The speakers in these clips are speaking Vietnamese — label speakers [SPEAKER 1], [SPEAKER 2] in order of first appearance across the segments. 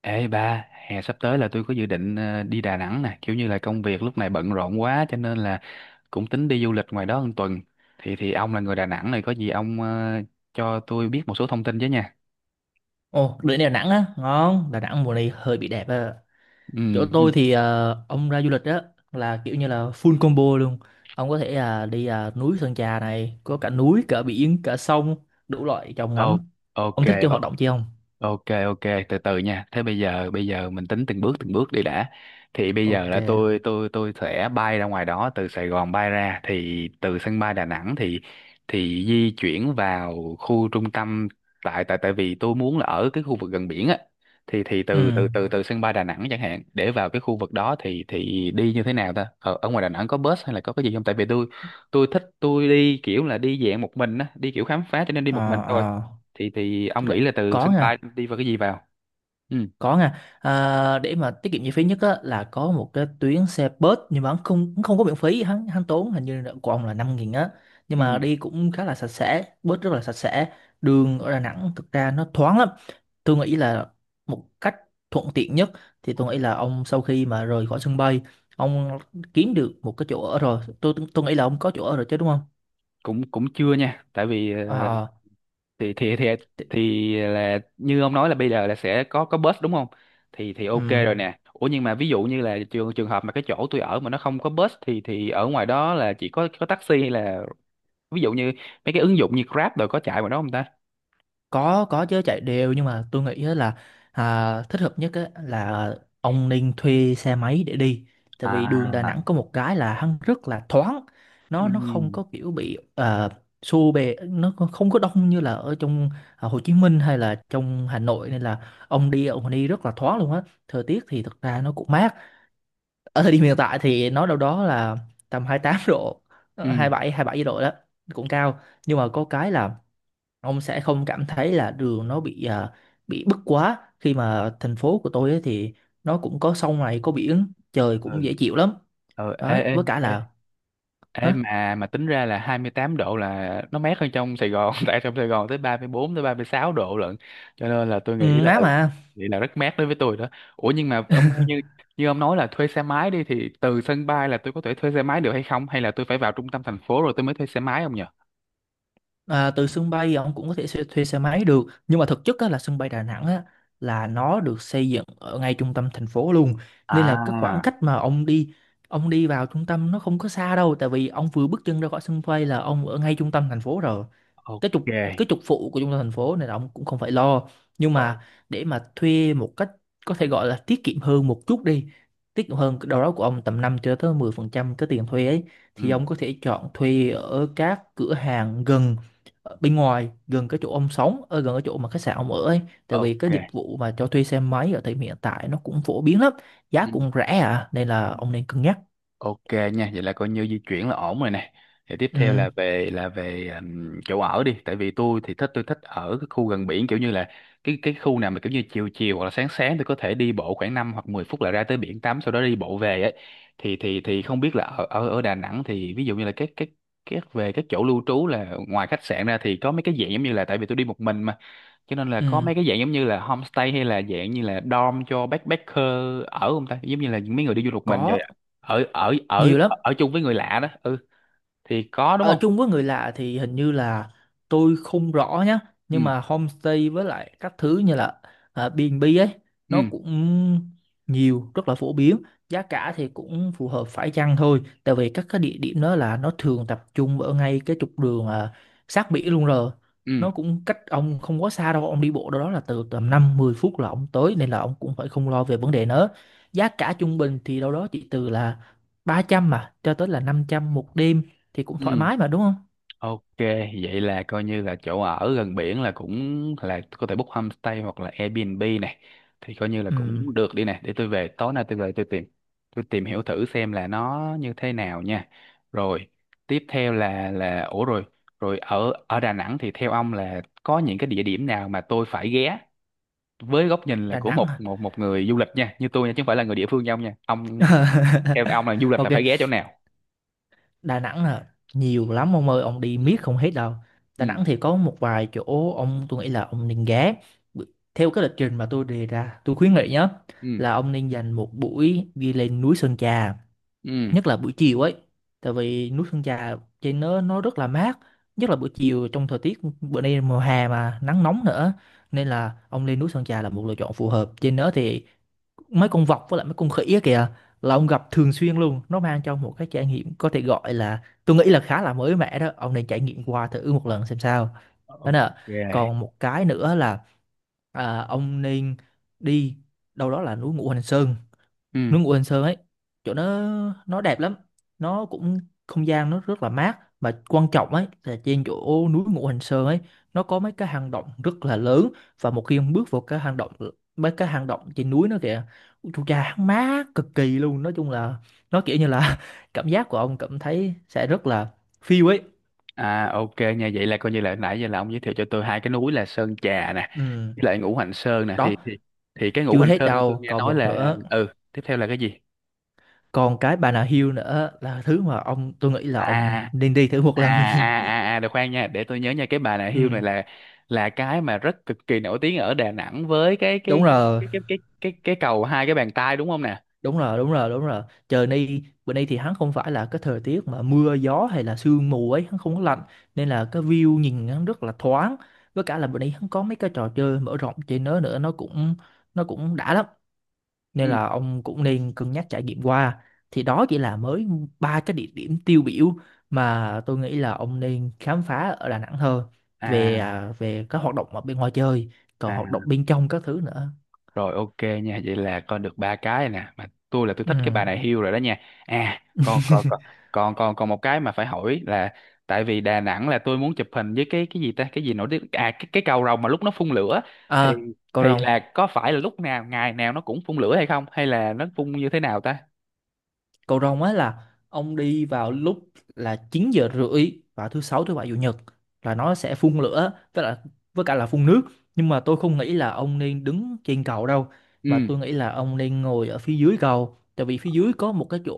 [SPEAKER 1] Ê ba, hè sắp tới là tôi có dự định đi Đà Nẵng nè, kiểu như là công việc lúc này bận rộn quá cho nên là cũng tính đi du lịch ngoài đó một tuần. Thì ông là người Đà Nẵng này có gì ông cho tôi biết một số thông tin chứ nha.
[SPEAKER 2] Ồ, đứa này Đà Nẵng á, ngon. Đà Nẵng mùa này hơi bị đẹp á. Chỗ
[SPEAKER 1] Ừ. Ừ.
[SPEAKER 2] tôi thì ông ra du lịch á là kiểu như là full combo luôn. Ông có thể là đi núi Sơn Trà này, có cả núi, cả biển, cả sông, đủ loại chồng
[SPEAKER 1] Ô-
[SPEAKER 2] ngắm.
[SPEAKER 1] ok.
[SPEAKER 2] Ông thích chơi hoạt động chi không?
[SPEAKER 1] Ok, ok, từ từ nha. Thế bây giờ mình tính từng bước đi đã. Thì bây giờ
[SPEAKER 2] Ok.
[SPEAKER 1] là tôi sẽ bay ra ngoài đó từ Sài Gòn bay ra, thì từ sân bay Đà Nẵng thì di chuyển vào khu trung tâm, tại tại tại vì tôi muốn là ở cái khu vực gần biển á, thì
[SPEAKER 2] Ừ.
[SPEAKER 1] từ từ từ từ sân bay Đà Nẵng chẳng hạn, để vào cái khu vực đó thì đi như thế nào ta? Ở ngoài Đà Nẵng có bus hay là có cái gì không? Tại vì tôi thích đi kiểu là đi dạng một mình á, đi kiểu khám phá cho nên đi một mình
[SPEAKER 2] Ờ,
[SPEAKER 1] thôi,
[SPEAKER 2] ờ.
[SPEAKER 1] thì ông
[SPEAKER 2] Thực ra
[SPEAKER 1] nghĩ là từ
[SPEAKER 2] có
[SPEAKER 1] sân bay
[SPEAKER 2] nha.
[SPEAKER 1] đi vào cái gì vào. Ừ,
[SPEAKER 2] Có nha, à, để mà tiết kiệm chi phí nhất á, là có một cái tuyến xe bus nhưng mà hắn không có miễn phí, hắn hắn tốn hình như là của ông là 5.000 á. Nhưng mà
[SPEAKER 1] ừ.
[SPEAKER 2] đi cũng khá là sạch sẽ, bus rất là sạch sẽ. Đường ở Đà Nẵng thực ra nó thoáng lắm. Tôi nghĩ là một cách thuận tiện nhất thì tôi nghĩ là ông sau khi mà rời khỏi sân bay, ông kiếm được một cái chỗ ở rồi. Tôi nghĩ là ông có chỗ ở rồi chứ đúng không?
[SPEAKER 1] cũng cũng chưa nha, tại vì thì thì thì thì là như ông nói là bây giờ là sẽ có bus đúng không, thì
[SPEAKER 2] À,
[SPEAKER 1] ok rồi nè. Ủa nhưng mà ví dụ như là trường trường hợp mà cái chỗ tôi ở mà nó không có bus thì ở ngoài đó là chỉ có taxi hay là ví dụ như mấy cái ứng dụng như Grab, rồi có chạy ngoài đó không ta?
[SPEAKER 2] có chứ chạy đều nhưng mà tôi nghĩ á là à, thích hợp nhất á là ông nên thuê xe máy để đi tại vì đường Đà
[SPEAKER 1] À,
[SPEAKER 2] Nẵng có một cái là hắn rất là thoáng, nó không
[SPEAKER 1] ừ,
[SPEAKER 2] có kiểu bị xô bề, nó còn không có đông như là ở trong à, Hồ Chí Minh hay là trong Hà Nội, nên là ông đi rất là thoáng luôn á. Thời tiết thì thật ra nó cũng mát, ở thời điểm hiện tại thì nó đâu đó là tầm 28 độ,
[SPEAKER 1] ừ,
[SPEAKER 2] 27 bảy độ đó, cũng cao. Nhưng mà có cái là ông sẽ không cảm thấy là đường nó bị bị bức quá, khi mà thành phố của tôi ấy thì nó cũng có sông này, có biển, trời cũng
[SPEAKER 1] ừ,
[SPEAKER 2] dễ chịu lắm
[SPEAKER 1] ừ, ê,
[SPEAKER 2] đấy.
[SPEAKER 1] ê,
[SPEAKER 2] Với cả
[SPEAKER 1] ê.
[SPEAKER 2] là
[SPEAKER 1] Ê,
[SPEAKER 2] hả,
[SPEAKER 1] mà tính ra là 28 độ là nó mát hơn trong Sài Gòn tại trong Sài Gòn tới 34 tới 36 độ lận, cho nên là tôi
[SPEAKER 2] ừ,
[SPEAKER 1] nghĩ là
[SPEAKER 2] má mà
[SPEAKER 1] rất mát đối với tôi đó. Ủa nhưng mà ông ơi, như như ông nói là thuê xe máy đi, thì từ sân bay là tôi có thể thuê xe máy được hay không, hay là tôi phải vào trung tâm thành phố rồi tôi mới thuê xe máy không nhỉ?
[SPEAKER 2] à, từ sân bay ông cũng có thể thuê xe máy được, nhưng mà thực chất á, là sân bay Đà Nẵng á, là nó được xây dựng ở ngay trung tâm thành phố luôn. Nên là cái khoảng
[SPEAKER 1] À,
[SPEAKER 2] cách mà ông đi vào trung tâm nó không có xa đâu, tại vì ông vừa bước chân ra khỏi sân bay là ông ở ngay trung tâm thành phố rồi.
[SPEAKER 1] ok.
[SPEAKER 2] cái trục cái trục phụ của trung tâm thành phố, nên là ông cũng không phải lo. Nhưng
[SPEAKER 1] Ồ.
[SPEAKER 2] mà để mà thuê một cách có thể gọi là tiết kiệm hơn một chút đi, tiết kiệm hơn đâu đó của ông tầm 5 cho tới 10% cái tiền thuê ấy,
[SPEAKER 1] Ừ,
[SPEAKER 2] thì ông có thể chọn thuê ở các cửa hàng gần ở bên ngoài, gần cái chỗ ông sống, ở gần cái chỗ mà khách sạn ông ở ấy. Tại vì
[SPEAKER 1] ok.
[SPEAKER 2] cái dịch vụ mà cho thuê xe máy ở thời điểm hiện tại nó cũng phổ biến lắm, giá
[SPEAKER 1] Ừ.
[SPEAKER 2] cũng rẻ à, nên là
[SPEAKER 1] Ừ.
[SPEAKER 2] ông nên cân nhắc.
[SPEAKER 1] Ok nha, vậy là coi như di chuyển là ổn rồi nè. Thì tiếp theo
[SPEAKER 2] Ừ,
[SPEAKER 1] là về chỗ ở đi, tại vì tôi thì thích tôi thích ở cái khu gần biển, kiểu như là cái khu nào mà kiểu như chiều chiều hoặc là sáng sáng tôi có thể đi bộ khoảng 5 hoặc 10 phút là ra tới biển tắm, sau đó đi bộ về ấy. Thì không biết là ở ở ở Đà Nẵng thì ví dụ như là các chỗ lưu trú, là ngoài khách sạn ra thì có mấy cái dạng giống như là, tại vì tôi đi một mình mà, cho nên là có
[SPEAKER 2] ừ,
[SPEAKER 1] mấy cái dạng giống như là homestay hay là dạng như là dorm cho backpacker ở không ta, giống như là những mấy người đi du lịch mình rồi
[SPEAKER 2] có
[SPEAKER 1] ở ở ở
[SPEAKER 2] nhiều lắm.
[SPEAKER 1] ở chung với người lạ đó, ừ, thì có đúng
[SPEAKER 2] Ở
[SPEAKER 1] không.
[SPEAKER 2] chung với người lạ thì hình như là tôi không rõ nhá, nhưng
[SPEAKER 1] Ừ,
[SPEAKER 2] mà homestay với lại các thứ như là B&B ấy nó
[SPEAKER 1] ừ,
[SPEAKER 2] cũng nhiều, rất là phổ biến. Giá cả thì cũng phù hợp, phải chăng thôi, tại vì các cái địa điểm đó là nó thường tập trung ở ngay cái trục đường sát biển luôn rồi.
[SPEAKER 1] ừ,
[SPEAKER 2] Nó cũng cách ông không quá xa đâu, ông đi bộ đâu đó là từ tầm 5 10 phút là ông tới, nên là ông cũng phải không lo về vấn đề nữa. Giá cả trung bình thì đâu đó chỉ từ là 300 mà cho tới là 500 một đêm, thì cũng thoải
[SPEAKER 1] ừ.
[SPEAKER 2] mái mà đúng không?
[SPEAKER 1] Ok, vậy là coi như là chỗ ở gần biển là cũng là có thể book homestay hoặc là Airbnb này, thì coi như là
[SPEAKER 2] Ừm,
[SPEAKER 1] cũng được đi này, để tôi về tối nay tôi về tôi tìm hiểu thử xem là nó như thế nào nha. Rồi, tiếp theo là ủa rồi, rồi ở ở Đà Nẵng thì theo ông là có những cái địa điểm nào mà tôi phải ghé, với góc nhìn là
[SPEAKER 2] Đà
[SPEAKER 1] của
[SPEAKER 2] Nẵng
[SPEAKER 1] một
[SPEAKER 2] hả?
[SPEAKER 1] một một người du lịch nha, như tôi nha, chứ không phải là người địa phương như ông nha. Ông theo ông là du lịch là
[SPEAKER 2] Ok,
[SPEAKER 1] phải ghé chỗ nào?
[SPEAKER 2] Đà Nẵng là nhiều lắm ông ơi, ông đi
[SPEAKER 1] Ừ.
[SPEAKER 2] miết không hết đâu. Đà
[SPEAKER 1] Ừ.
[SPEAKER 2] Nẵng thì có một vài chỗ ông tôi nghĩ là ông nên ghé. B- Theo cái lịch trình mà tôi đề ra, tôi khuyến nghị nhá,
[SPEAKER 1] Ừ.
[SPEAKER 2] là ông nên dành một buổi đi lên núi Sơn Trà,
[SPEAKER 1] Ừ.
[SPEAKER 2] nhất là buổi chiều ấy. Tại vì núi Sơn Trà trên nó rất là mát, nhất là buổi chiều trong thời tiết bữa nay mùa hè mà nắng nóng nữa, nên là ông lên núi Sơn Trà là một lựa chọn phù hợp. Trên đó thì mấy con vọc với lại mấy con khỉ á kìa là ông gặp thường xuyên luôn, nó mang cho ông một cái trải nghiệm có thể gọi là tôi nghĩ là khá là mới mẻ, đó ông nên trải nghiệm qua thử một lần xem sao. Đó
[SPEAKER 1] Ok.
[SPEAKER 2] nè, còn một cái nữa là ông nên đi đâu đó là núi Ngũ Hành Sơn.
[SPEAKER 1] Ừ.
[SPEAKER 2] Núi Ngũ Hành Sơn ấy, chỗ nó đẹp lắm, nó cũng không gian nó rất là mát, mà quan trọng ấy là trên chỗ núi Ngũ Hành Sơn ấy nó có mấy cái hang động rất là lớn. Và một khi ông bước vào cái hang động, mấy cái hang động trên núi nó kìa, ui chú cha hắn mát cực kỳ luôn, nói chung là nó kiểu như là cảm giác của ông cảm thấy sẽ rất là phiêu ấy.
[SPEAKER 1] À, ok nha, vậy là coi như là nãy giờ là ông giới thiệu cho tôi hai cái núi là Sơn Trà nè
[SPEAKER 2] Ừ,
[SPEAKER 1] với lại Ngũ Hành Sơn nè,
[SPEAKER 2] đó.
[SPEAKER 1] thì cái Ngũ
[SPEAKER 2] Chưa
[SPEAKER 1] Hành
[SPEAKER 2] hết
[SPEAKER 1] Sơn tôi
[SPEAKER 2] đâu,
[SPEAKER 1] nghe
[SPEAKER 2] còn
[SPEAKER 1] nói
[SPEAKER 2] một
[SPEAKER 1] là,
[SPEAKER 2] nữa,
[SPEAKER 1] ừ tiếp theo là cái gì?
[SPEAKER 2] còn cái Bà Nà Hills nữa là thứ mà ông tôi nghĩ là
[SPEAKER 1] à
[SPEAKER 2] ông nên đi thử một
[SPEAKER 1] à
[SPEAKER 2] lần.
[SPEAKER 1] à được, khoan nha, để tôi nhớ nha, cái bà nà hưu này
[SPEAKER 2] Ừ.
[SPEAKER 1] là cái mà rất cực kỳ nổi tiếng ở Đà Nẵng với
[SPEAKER 2] đúng rồi
[SPEAKER 1] cái cầu hai cái bàn tay đúng không nè?
[SPEAKER 2] đúng rồi. Trời nay bữa nay thì hắn không phải là cái thời tiết mà mưa gió hay là sương mù ấy, hắn không có lạnh, nên là cái view nhìn hắn rất là thoáng. Với cả là bữa nay hắn có mấy cái trò chơi mở rộng trên đó nữa, nó cũng đã lắm, nên
[SPEAKER 1] Ừ.
[SPEAKER 2] là ông cũng nên cân nhắc trải nghiệm qua. Thì đó chỉ là mới ba cái địa điểm tiêu biểu mà tôi nghĩ là ông nên khám phá ở Đà Nẵng thôi, về
[SPEAKER 1] À.
[SPEAKER 2] về các hoạt động ở bên ngoài chơi, còn
[SPEAKER 1] À.
[SPEAKER 2] hoạt động bên trong các thứ nữa.
[SPEAKER 1] Rồi, ok nha, vậy là con được ba cái nè, mà tôi là tôi thích cái bà
[SPEAKER 2] Ừ.
[SPEAKER 1] này hiêu rồi đó nha. À, còn còn còn còn còn còn một cái mà phải hỏi là, tại vì Đà Nẵng là tôi muốn chụp hình với cái gì ta, cái gì nổi tiếng à, cái cầu rồng mà lúc nó phun lửa, thì
[SPEAKER 2] à, Cậu
[SPEAKER 1] thì
[SPEAKER 2] Rồng.
[SPEAKER 1] là có phải là lúc nào, ngày nào nó cũng phun lửa hay không, hay là nó phun như thế nào ta?
[SPEAKER 2] Cầu rồng á là ông đi vào lúc là 9 giờ rưỡi vào thứ sáu, thứ bảy, chủ nhật, là nó sẽ phun lửa với cả là phun nước. Nhưng mà tôi không nghĩ là ông nên đứng trên cầu đâu, mà
[SPEAKER 1] Ừ.
[SPEAKER 2] tôi nghĩ là ông nên ngồi ở phía dưới cầu, tại vì phía dưới có một cái chỗ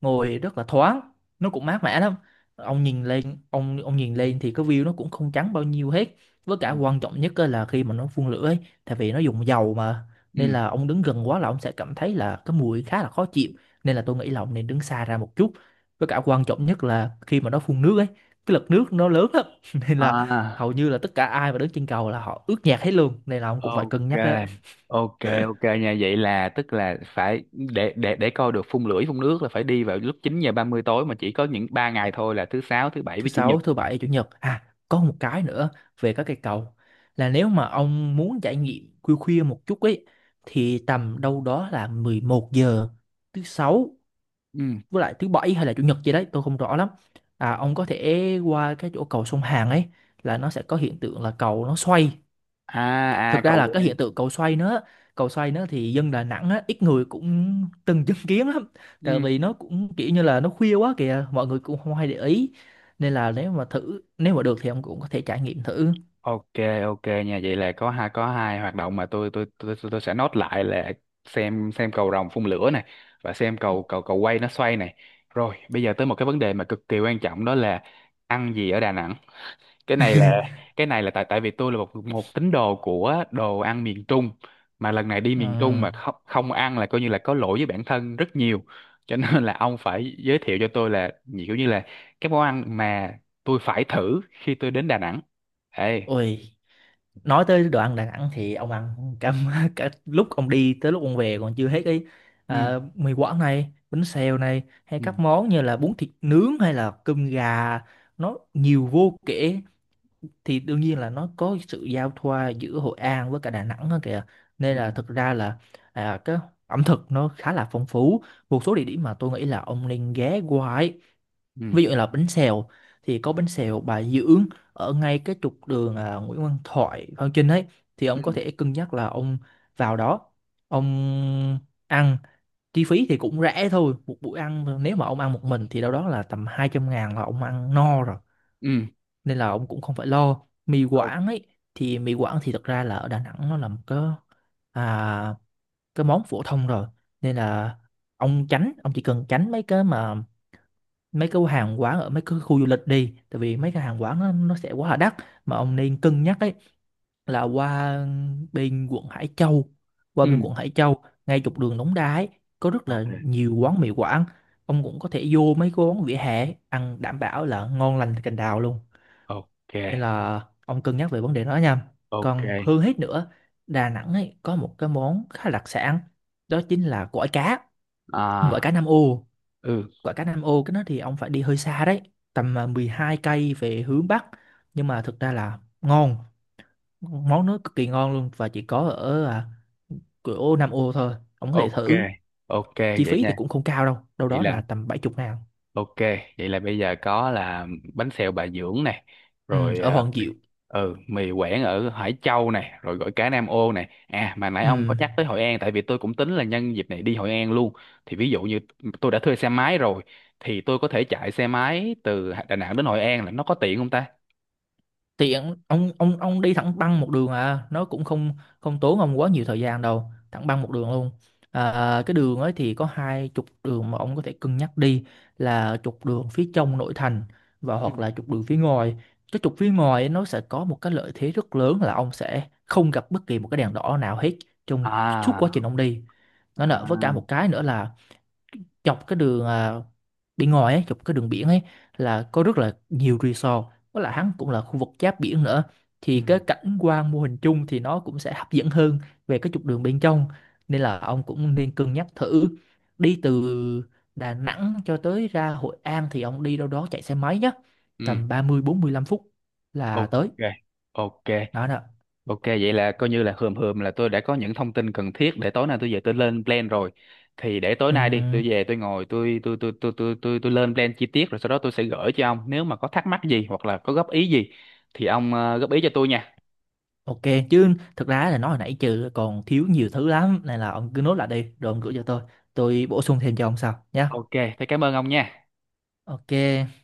[SPEAKER 2] ngồi rất là thoáng, nó cũng mát mẻ lắm. Ông nhìn lên thì cái view nó cũng không trắng bao nhiêu hết. Với
[SPEAKER 1] Ừ.
[SPEAKER 2] cả quan trọng nhất á là khi mà nó phun lửa ấy, tại vì nó dùng dầu mà, nên
[SPEAKER 1] Ừ.
[SPEAKER 2] là ông đứng gần quá là ông sẽ cảm thấy là cái mùi khá là khó chịu, nên là tôi nghĩ là ông nên đứng xa ra một chút. Với cả quan trọng nhất là khi mà nó phun nước ấy, cái lực nước nó lớn lắm, nên là
[SPEAKER 1] À.
[SPEAKER 2] hầu như là tất cả ai mà đứng trên cầu là họ ướt nhẹp hết luôn, nên là ông cũng phải
[SPEAKER 1] Ok,
[SPEAKER 2] cân nhắc đấy.
[SPEAKER 1] ok, ok nha, vậy là tức là phải để coi được phun lưỡi phun nước là phải đi vào lúc 9:30 tối, mà chỉ có những ba ngày thôi là thứ sáu, thứ bảy
[SPEAKER 2] Thứ
[SPEAKER 1] với chủ nhật.
[SPEAKER 2] sáu, thứ bảy, chủ nhật. À, có một cái nữa về các cây cầu, là nếu mà ông muốn trải nghiệm khuya khuya một chút ấy, thì tầm đâu đó là 11 giờ thứ sáu
[SPEAKER 1] Ừ.
[SPEAKER 2] với lại thứ bảy hay là chủ nhật gì đấy tôi không rõ lắm. À, ông có thể qua cái chỗ cầu sông Hàn ấy, là nó sẽ có hiện tượng là cầu nó xoay.
[SPEAKER 1] À. À,
[SPEAKER 2] Thực ra
[SPEAKER 1] cầu
[SPEAKER 2] là cái
[SPEAKER 1] quay.
[SPEAKER 2] hiện tượng cầu xoay nữa, cầu xoay nữa thì dân Đà Nẵng á, ít người cũng từng chứng kiến lắm, tại
[SPEAKER 1] Ừ.
[SPEAKER 2] vì nó cũng kiểu như là nó khuya quá kìa, mọi người cũng không hay để ý, nên là nếu mà thử nếu mà được thì ông cũng có thể trải nghiệm thử.
[SPEAKER 1] Ok, ok nha, vậy là có hai, có hai hoạt động mà tôi sẽ nốt lại là: xem cầu rồng phun lửa này, và xem cầu cầu cầu quay nó xoay này. Rồi bây giờ tới một cái vấn đề mà cực kỳ quan trọng đó là ăn gì ở Đà Nẵng. cái này là cái này là, tại tại vì tôi là một một tín đồ của đồ ăn miền Trung, mà lần này đi miền Trung
[SPEAKER 2] Ừm,
[SPEAKER 1] mà không không ăn là coi như là có lỗi với bản thân rất nhiều, cho nên là ông phải giới thiệu cho tôi là nhiều, kiểu như là cái món ăn mà tôi phải thử khi tôi đến Đà Nẵng. Ê.
[SPEAKER 2] ôi nói tới đồ ăn Đà Nẵng thì ông ăn cả, cả lúc ông đi tới lúc ông về còn chưa hết cái
[SPEAKER 1] Ừ.
[SPEAKER 2] mì Quảng này, bánh xèo này, hay
[SPEAKER 1] Ừ.
[SPEAKER 2] các món như là bún thịt nướng hay là cơm gà, nó nhiều vô kể. Thì đương nhiên là nó có sự giao thoa giữa Hội An với cả Đà Nẵng đó kìa, nên
[SPEAKER 1] Ừ.
[SPEAKER 2] là thực ra là cái ẩm thực nó khá là phong phú. Một số địa điểm mà tôi nghĩ là ông nên ghé qua ấy,
[SPEAKER 1] Ừ.
[SPEAKER 2] ví dụ như là bánh xèo thì có bánh xèo Bà Dưỡng, ở ngay cái trục đường Nguyễn Văn Thoại Phan Chinh ấy, thì ông có thể cân nhắc là ông vào đó ông ăn. Chi phí thì cũng rẻ thôi, một buổi ăn nếu mà ông ăn một mình thì đâu đó là tầm 200.000 là ông ăn no rồi,
[SPEAKER 1] Ừ. Ừ.
[SPEAKER 2] nên là ông cũng không phải lo. Mì
[SPEAKER 1] Ok.
[SPEAKER 2] Quảng ấy, thì mì Quảng thì thật ra là ở Đà Nẵng nó là một cái à, cái món phổ thông rồi, nên là ông chỉ cần tránh mấy cái mà mấy cái hàng quán ở mấy cái khu du lịch đi, tại vì mấy cái hàng quán nó sẽ quá là đắt, mà ông nên cân nhắc ấy là qua bên quận Hải Châu qua bên
[SPEAKER 1] Ừ.
[SPEAKER 2] quận Hải Châu ngay trục đường Đống Đa ấy có rất là
[SPEAKER 1] Ok,
[SPEAKER 2] nhiều quán mì Quảng. Ông cũng có thể vô mấy cái quán vỉa hè ấy, ăn đảm bảo là ngon lành cành đào luôn,
[SPEAKER 1] ok,
[SPEAKER 2] nên là ông cân nhắc về vấn đề đó nha.
[SPEAKER 1] ok.
[SPEAKER 2] Còn hơn hết nữa, Đà Nẵng ấy có một cái món khá đặc sản, đó chính là gỏi
[SPEAKER 1] À.
[SPEAKER 2] cá Nam ô.
[SPEAKER 1] Ừ.
[SPEAKER 2] Gỏi cá Nam ô cái đó thì ông phải đi hơi xa đấy, tầm 12 cây về hướng Bắc. Nhưng mà thực ra là ngon, món nó cực kỳ ngon luôn và chỉ có ở cửa ô Nam ô thôi. Ông có thể
[SPEAKER 1] Ok,
[SPEAKER 2] thử,
[SPEAKER 1] ok
[SPEAKER 2] chi
[SPEAKER 1] vậy
[SPEAKER 2] phí
[SPEAKER 1] nha.
[SPEAKER 2] thì cũng không cao đâu, đâu
[SPEAKER 1] Vậy
[SPEAKER 2] đó
[SPEAKER 1] là
[SPEAKER 2] là tầm 70.000.
[SPEAKER 1] Ok, vậy là bây giờ có là bánh xèo Bà Dưỡng này,
[SPEAKER 2] Ừ,
[SPEAKER 1] rồi
[SPEAKER 2] ở Hoàng Diệu.
[SPEAKER 1] ừ, mì Quảng ở Hải Châu này, rồi gỏi cá Nam Ô này. À mà nãy ông có
[SPEAKER 2] Ừ,
[SPEAKER 1] nhắc tới Hội An, tại vì tôi cũng tính là nhân dịp này đi Hội An luôn. Thì ví dụ như tôi đã thuê xe máy rồi, thì tôi có thể chạy xe máy từ Đà Nẵng đến Hội An là nó có tiện không ta?
[SPEAKER 2] thì ông đi thẳng băng một đường à, nó cũng không không tốn ông quá nhiều thời gian đâu, thẳng băng một đường luôn. À, cái đường ấy thì có hai trục đường mà ông có thể cân nhắc đi, là trục đường phía trong nội thành và
[SPEAKER 1] Ừ.
[SPEAKER 2] hoặc là trục đường phía ngoài. Cái trục phía ngoài ấy, nó sẽ có một cái lợi thế rất lớn là ông sẽ không gặp bất kỳ một cái đèn đỏ nào hết trong suốt quá
[SPEAKER 1] À,
[SPEAKER 2] trình ông đi. Nó nợ với cả một
[SPEAKER 1] à.
[SPEAKER 2] cái nữa là dọc cái đường bên ngoài ấy, dọc cái đường biển ấy là có rất là nhiều resort, với lại hắn cũng là khu vực giáp biển nữa,
[SPEAKER 1] Ừ.
[SPEAKER 2] thì cái cảnh quan mô hình chung thì nó cũng sẽ hấp dẫn hơn về cái trục đường bên trong, nên là ông cũng nên cân nhắc thử. Đi từ Đà Nẵng cho tới ra Hội An thì ông đi đâu đó chạy xe máy nhé,
[SPEAKER 1] Ừ,
[SPEAKER 2] tầm 30 40 45 phút là
[SPEAKER 1] ok,
[SPEAKER 2] tới.
[SPEAKER 1] ok.
[SPEAKER 2] Đó
[SPEAKER 1] Ok, vậy là coi như là hườm hườm là tôi đã có những thông tin cần thiết để tối nay tôi về tôi lên plan rồi. Thì để tối nay đi, tôi
[SPEAKER 2] nè.
[SPEAKER 1] về tôi ngồi tôi lên plan chi tiết, rồi sau đó tôi sẽ gửi cho ông, nếu mà có thắc mắc gì hoặc là có góp ý gì thì ông góp ý cho tôi nha.
[SPEAKER 2] Ok, chứ thực ra là nói hồi nãy trừ còn thiếu nhiều thứ lắm, nên là ông cứ nốt lại đi rồi ông gửi cho tôi bổ sung thêm cho ông sau nhé.
[SPEAKER 1] Ok, thế cảm ơn ông nha.
[SPEAKER 2] Ok.